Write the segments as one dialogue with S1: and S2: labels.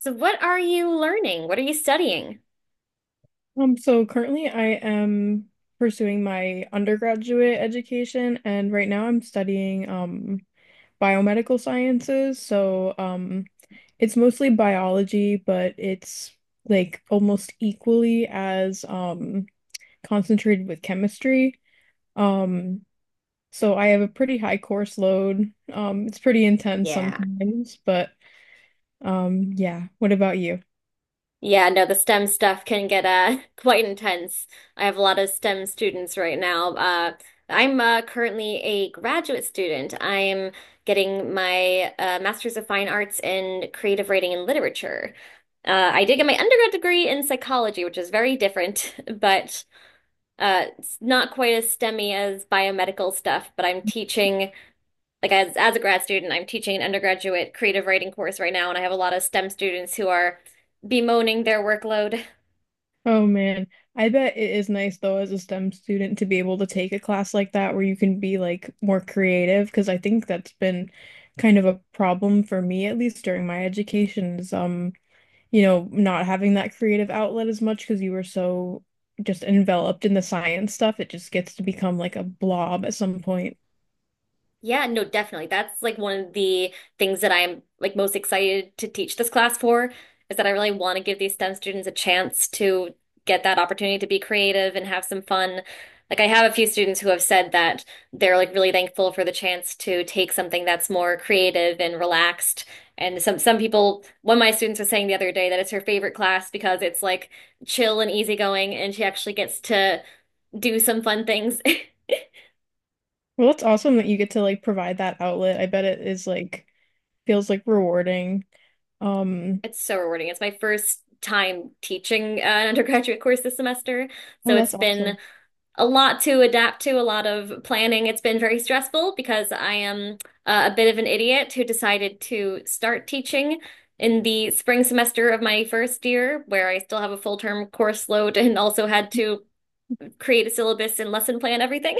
S1: So what are you learning? What are you studying?
S2: So currently I am pursuing my undergraduate education and right now I'm studying biomedical sciences. So it's mostly biology, but it's like almost equally as concentrated with chemistry. Um so I have a pretty high course load. It's pretty intense
S1: Yeah.
S2: sometimes, but yeah, what about you?
S1: Yeah, no, the STEM stuff can get quite intense. I have a lot of STEM students right now. I'm currently a graduate student. I'm getting my Master's of Fine Arts in Creative Writing and Literature. I did get my undergrad degree in psychology, which is very different, but it's not quite as STEMmy as biomedical stuff. But I'm teaching. Like as a grad student, I'm teaching an undergraduate creative writing course right now, and I have a lot of STEM students who are bemoaning their workload.
S2: Oh man, I bet it is nice though as a STEM student to be able to take a class like that where you can be like more creative because I think that's been kind of a problem for me at least during my education is you know, not having that creative outlet as much because you were so just enveloped in the science stuff, it just gets to become like a blob at some point.
S1: Yeah, no, definitely. That's like one of the things that I'm like most excited to teach this class for is that I really want to give these STEM students a chance to get that opportunity to be creative and have some fun. Like I have a few students who have said that they're like really thankful for the chance to take something that's more creative and relaxed. And some people, one of my students was saying the other day that it's her favorite class because it's like chill and easygoing and she actually gets to do some fun things.
S2: Well, it's awesome that you get to like provide that outlet. I bet it is like feels like rewarding. Um,
S1: It's so rewarding. It's my first time teaching an undergraduate course this semester.
S2: oh,
S1: So it's
S2: that's
S1: been
S2: awesome.
S1: a lot to adapt to, a lot of planning. It's been very stressful because I am a bit of an idiot who decided to start teaching in the spring semester of my first year, where I still have a full-term course load and also had to create a syllabus and lesson plan everything.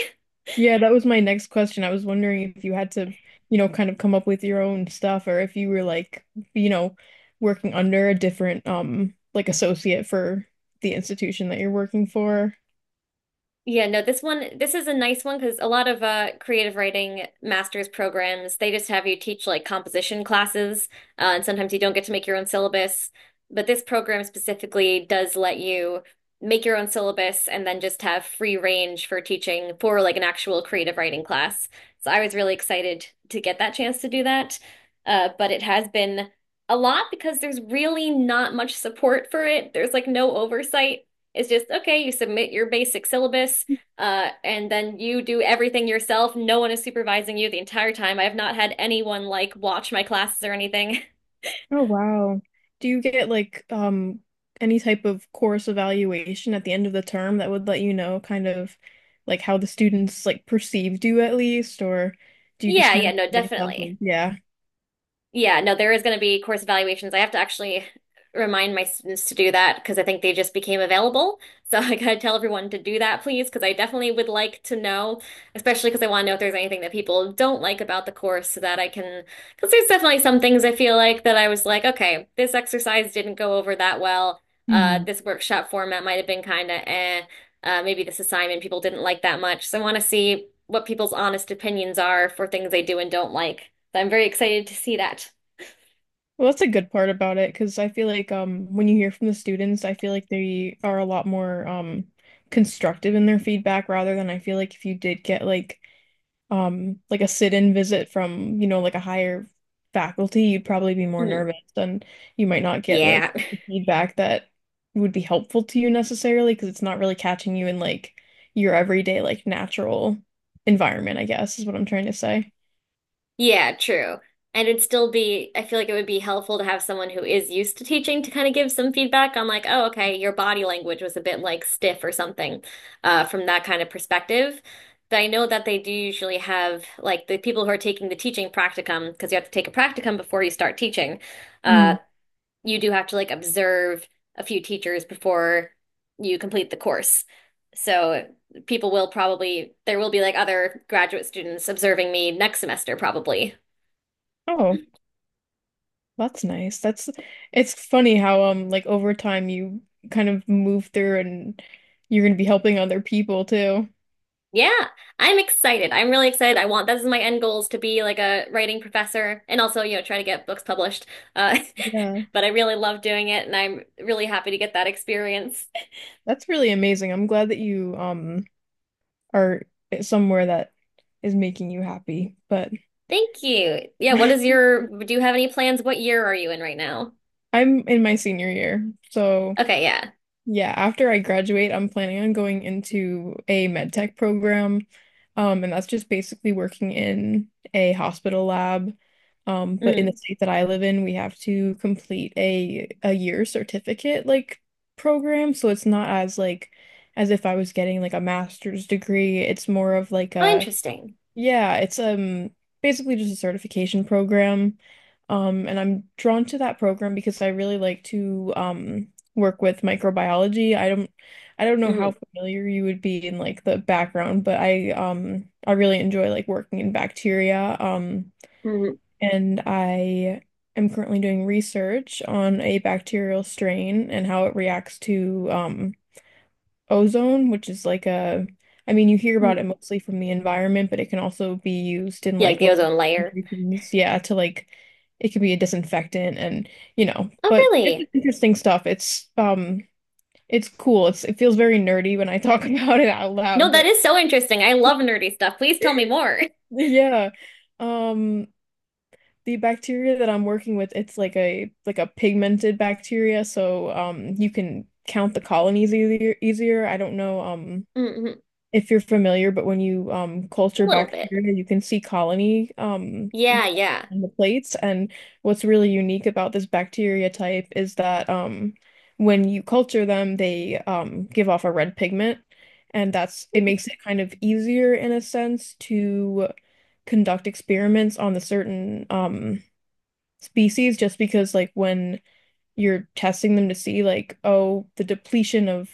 S2: Yeah, that was my next question. I was wondering if you had to, you know, kind of come up with your own stuff, or if you were like, you know, working under a different like associate for the institution that you're working for.
S1: Yeah, no, this one, this is a nice one because a lot of creative writing master's programs, they just have you teach like composition classes, and sometimes you don't get to make your own syllabus. But this program specifically does let you make your own syllabus and then just have free range for teaching for like an actual creative writing class. So I was really excited to get that chance to do that. But it has been a lot because there's really not much support for it. There's like no oversight. It's just, okay, you submit your basic syllabus, and then you do everything yourself. No one is supervising you the entire time. I have not had anyone like watch my classes or anything.
S2: Oh wow. Do you get like any type of course evaluation at the end of the term that would let you know kind of like how the students like perceived you at least, or do you just
S1: Yeah,
S2: kind
S1: yeah,
S2: of
S1: no,
S2: like, based off of,
S1: definitely.
S2: yeah.
S1: Yeah, no, there is going to be course evaluations. I have to actually remind my students to do that because I think they just became available. So I gotta tell everyone to do that, please, because I definitely would like to know, especially because I want to know if there's anything that people don't like about the course so that I can, because there's definitely some things I feel like that I was like, okay, this exercise didn't go over that well. This workshop format might have been kind of eh. Maybe this assignment people didn't like that much. So I want to see what people's honest opinions are for things they do and don't like. So I'm very excited to see that.
S2: Well, that's a good part about it, because I feel like when you hear from the students, I feel like they are a lot more constructive in their feedback, rather than I feel like if you did get like a sit-in visit from, you know, like a higher faculty, you'd probably be more
S1: Mm,
S2: nervous and you might not get like
S1: yeah,
S2: the feedback that would be helpful to you necessarily, because it's not really catching you in like your everyday like natural environment, I guess is what I'm trying to say.
S1: yeah, true. And it'd still be, I feel like it would be helpful to have someone who is used to teaching to kind of give some feedback on like, oh, okay, your body language was a bit like stiff or something, from that kind of perspective. But I know that they do usually have like the people who are taking the teaching practicum, because you have to take a practicum before you start teaching. Uh,
S2: Mhm.
S1: you do have to like observe a few teachers before you complete the course. So people will probably, there will be like other graduate students observing me next semester probably.
S2: Oh. That's nice. That's, it's funny how like over time you kind of move through and you're gonna be helping other people too.
S1: Yeah, I'm excited. I'm really excited. I want, this is my end goals to be like a writing professor and also, you know, try to get books published. Uh,
S2: Yeah.
S1: but I really love doing it and I'm really happy to get that experience.
S2: That's really amazing. I'm glad that you are somewhere that is making you happy. But
S1: Thank you. Yeah, what is your, do you have any plans? What year are you in right now?
S2: I'm in my senior year, so
S1: Okay, yeah.
S2: yeah, after I graduate, I'm planning on going into a med tech program. And that's just basically working in a hospital lab. But in the
S1: Mm.
S2: state that I live in, we have to complete a year certificate like program. So it's not as like as if I was getting like a master's degree. It's more of like
S1: Oh,
S2: a,
S1: interesting.
S2: yeah, it's basically just a certification program. And I'm drawn to that program because I really like to work with microbiology. I don't know how
S1: Mm.
S2: familiar you would be in like the background, but I really enjoy like working in bacteria.
S1: Mm,
S2: And I am currently doing research on a bacterial strain and how it reacts to ozone, which is like a, I mean, you hear
S1: mm.
S2: about it mostly from the environment, but it can also be used in
S1: Yeah, like
S2: like
S1: the
S2: local
S1: ozone layer.
S2: concentrations. Yeah, to like, it can be a disinfectant and, you know,
S1: Oh,
S2: but it's
S1: really?
S2: just interesting stuff. It's cool. It's, it feels very nerdy when I talk about it out
S1: No,
S2: loud,
S1: that
S2: but
S1: is so interesting. I love nerdy stuff. Please tell me more.
S2: yeah. Um, the bacteria that I'm working with, it's like a pigmented bacteria. So, you can count the colonies easier, easier. I don't know,
S1: Mm-hmm.
S2: if you're familiar, but when you
S1: A
S2: culture
S1: little bit.
S2: bacteria, you can see colony
S1: Yeah, yeah.
S2: on the plates. And what's really unique about this bacteria type is that when you culture them, they give off a red pigment, and that's, it makes it kind of easier in a sense to conduct experiments on the certain species, just because like when you're testing them to see like, oh, the depletion of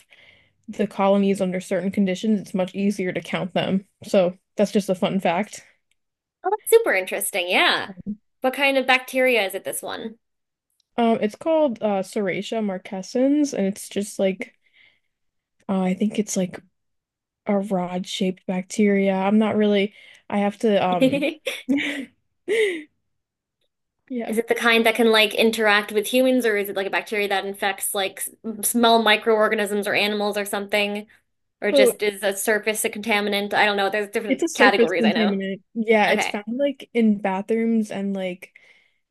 S2: the colonies under certain conditions, it's much easier to count them. So that's just a fun fact.
S1: Oh, that's super interesting. Yeah. What kind of bacteria is it, this one?
S2: It's called Serratia marquescens, and it's just like I think it's like a rod-shaped bacteria. I'm not really. I have to yeah.
S1: Is it the kind that can like interact with humans, or is it like a bacteria that infects like small microorganisms or animals or something, or
S2: So
S1: just is a surface a contaminant? I don't know. There's
S2: it's
S1: different
S2: a surface
S1: categories I know.
S2: contaminant. Yeah, it's
S1: Okay.
S2: found like in bathrooms and like,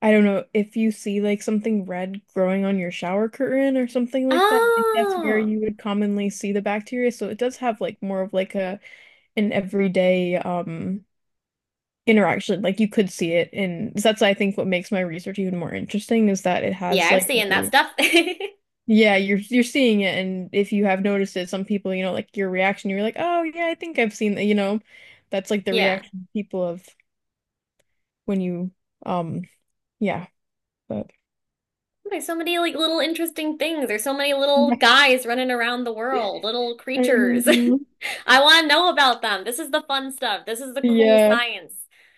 S2: I don't know if you see like something red growing on your shower curtain or something like that. Like that's where
S1: Oh,
S2: you would commonly see the bacteria. So it does have like more of like a an everyday interaction. Like you could see it in, that's I think what makes my research even more interesting is that it
S1: yeah,
S2: has
S1: I've
S2: like
S1: seen that
S2: a-
S1: stuff.
S2: yeah, you're seeing it, and if you have noticed it, some people, you know, like your reaction, you're like, "Oh, yeah, I think I've seen that," you know. That's like the
S1: Yeah.
S2: reaction people have when you um yeah, but
S1: There's so many like little interesting things. There's so many little
S2: yeah.
S1: guys running around the world, little
S2: I
S1: creatures.
S2: know.
S1: I want to know about them. This is the fun stuff. This is the cool
S2: Yeah.
S1: science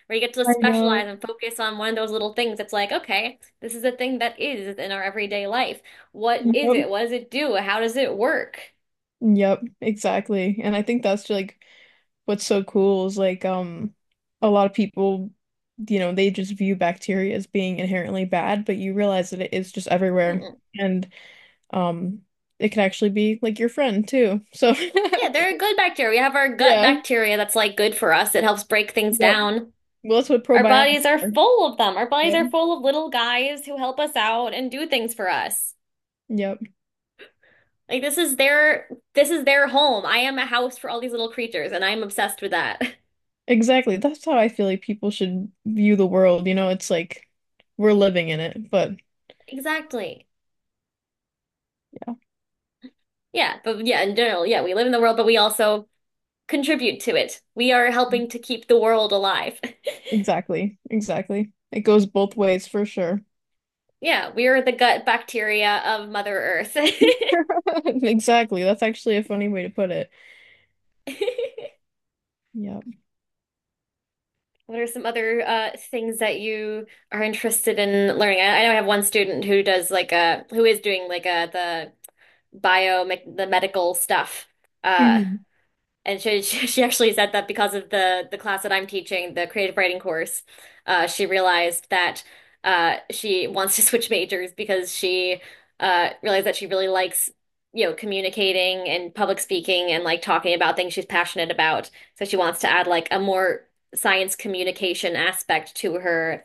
S1: where you get to
S2: I yeah
S1: specialize
S2: know.
S1: and focus on one of those little things. It's like, okay, this is a thing that is in our everyday life. What is
S2: Yep,
S1: it? What does it do? How does it work?
S2: yep, exactly, and I think that's like what's so cool is like, a lot of people, you know, they just view bacteria as being inherently bad, but you realize that it is just everywhere,
S1: Mm-mm.
S2: and um it can actually be like your friend too, so
S1: Yeah, there are good bacteria. We have our gut
S2: yeah,
S1: bacteria that's like good for us. It helps break things
S2: yep,
S1: down.
S2: well, that's what
S1: Our bodies
S2: probiotics
S1: are
S2: are.
S1: full of them. Our bodies
S2: Yep,
S1: are full of little guys who help us out and do things for us.
S2: yep.
S1: Like this is their home. I am a house for all these little creatures, and I'm obsessed with that.
S2: Exactly. That's how I feel like people should view the world. You know, it's like we're living in it, but
S1: Exactly.
S2: yeah,
S1: Yeah, but yeah, in general, yeah, we live in the world, but we also contribute to it. We are helping to keep the world alive.
S2: exactly. Exactly. It goes both ways for sure.
S1: Yeah, we are the gut bacteria of Mother Earth.
S2: Exactly. That's actually a funny way to put it. Yeah.
S1: What are some other things that you are interested in learning? I know I have one student who does like a who is doing like a the bio like, the medical stuff. Uh,
S2: Mhm.
S1: And she she actually said that because of the class that I'm teaching, the creative writing course, she realized that she wants to switch majors because she realized that she really likes, you know, communicating and public speaking and like talking about things she's passionate about. So she wants to add like a more science communication aspect to her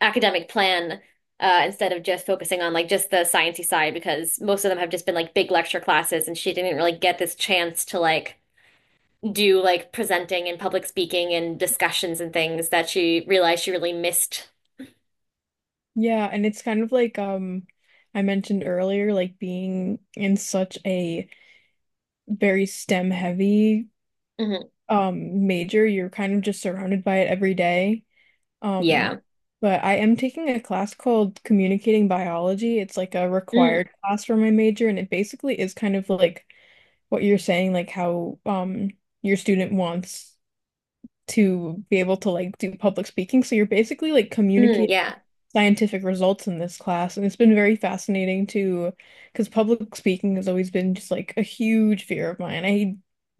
S1: academic plan, instead of just focusing on like just the sciencey side because most of them have just been like big lecture classes and she didn't really get this chance to like do like presenting and public speaking and discussions and things that she realized she really missed.
S2: Yeah, and it's kind of like I mentioned earlier, like being in such a very STEM heavy
S1: Hmm.
S2: major, you're kind of just surrounded by it every day. Um,
S1: Yeah.
S2: but I am taking a class called Communicating Biology. It's like a
S1: Mm.
S2: required class for my major, and it basically is kind of like what you're saying, like how your student wants to be able to like do public speaking. So you're basically like
S1: Mm,
S2: communicating
S1: yeah.
S2: scientific results in this class, and it's been very fascinating to, because public speaking has always been just like a huge fear of mine. I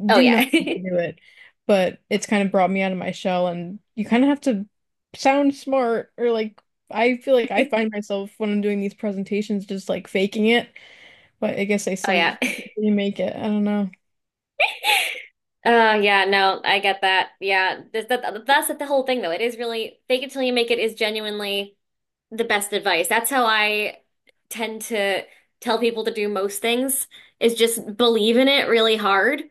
S1: Oh,
S2: do not
S1: yeah.
S2: want to do it, but it's kind of brought me out of my shell, and you kind of have to sound smart, or like, I feel like I find myself when I'm doing these presentations just like faking it, but I guess they
S1: Oh, yeah.
S2: say you make it. I don't know.
S1: Oh, yeah. No, I get that. Yeah. That's the whole thing, though. It is really fake it till you make it is genuinely the best advice. That's how I tend to tell people to do most things is just believe in it really hard.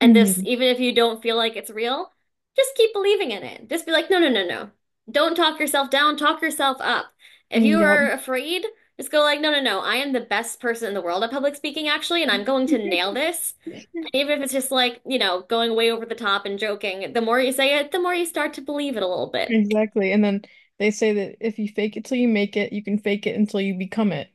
S1: And this,
S2: Hmm.
S1: even if you don't feel like it's real, just keep believing in it. Just be like, no, no, no, no. Don't talk yourself down, talk yourself up. If you are
S2: Yep.
S1: afraid, just go like, no, no, no. I am the best person in the world at public speaking, actually, and I'm going to nail this. And even if it's just like, you know, going way over the top and joking, the more you say it, the more you start to believe it a little bit.
S2: Exactly. And then they say that if you fake it till you make it, you can fake it until you become it.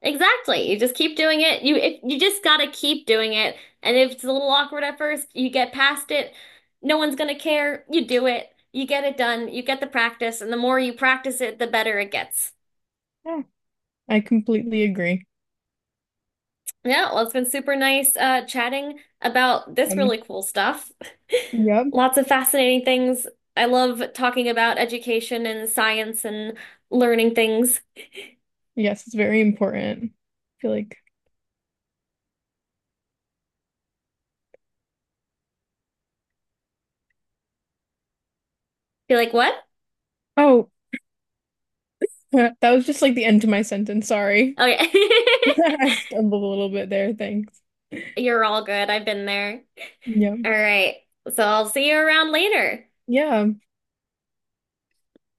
S1: Exactly. You just keep doing it. You if you just gotta keep doing it. And if it's a little awkward at first, you get past it. No one's gonna care. You do it. You get it done. You get the practice, and the more you practice it, the better it gets.
S2: Yeah. I completely agree.
S1: Yeah, well, it's been super nice chatting about this
S2: Um,
S1: really cool stuff.
S2: yep.
S1: Lots of fascinating things. I love talking about education and science and learning things.
S2: Yes, it's very important. I feel like,
S1: You're like, what?
S2: oh, that was just like the end of my sentence. Sorry.
S1: Oh yeah.
S2: I stumbled a little bit there. Thanks.
S1: You're all good. I've been there.
S2: Yeah.
S1: All right. So I'll see you around later.
S2: Yeah.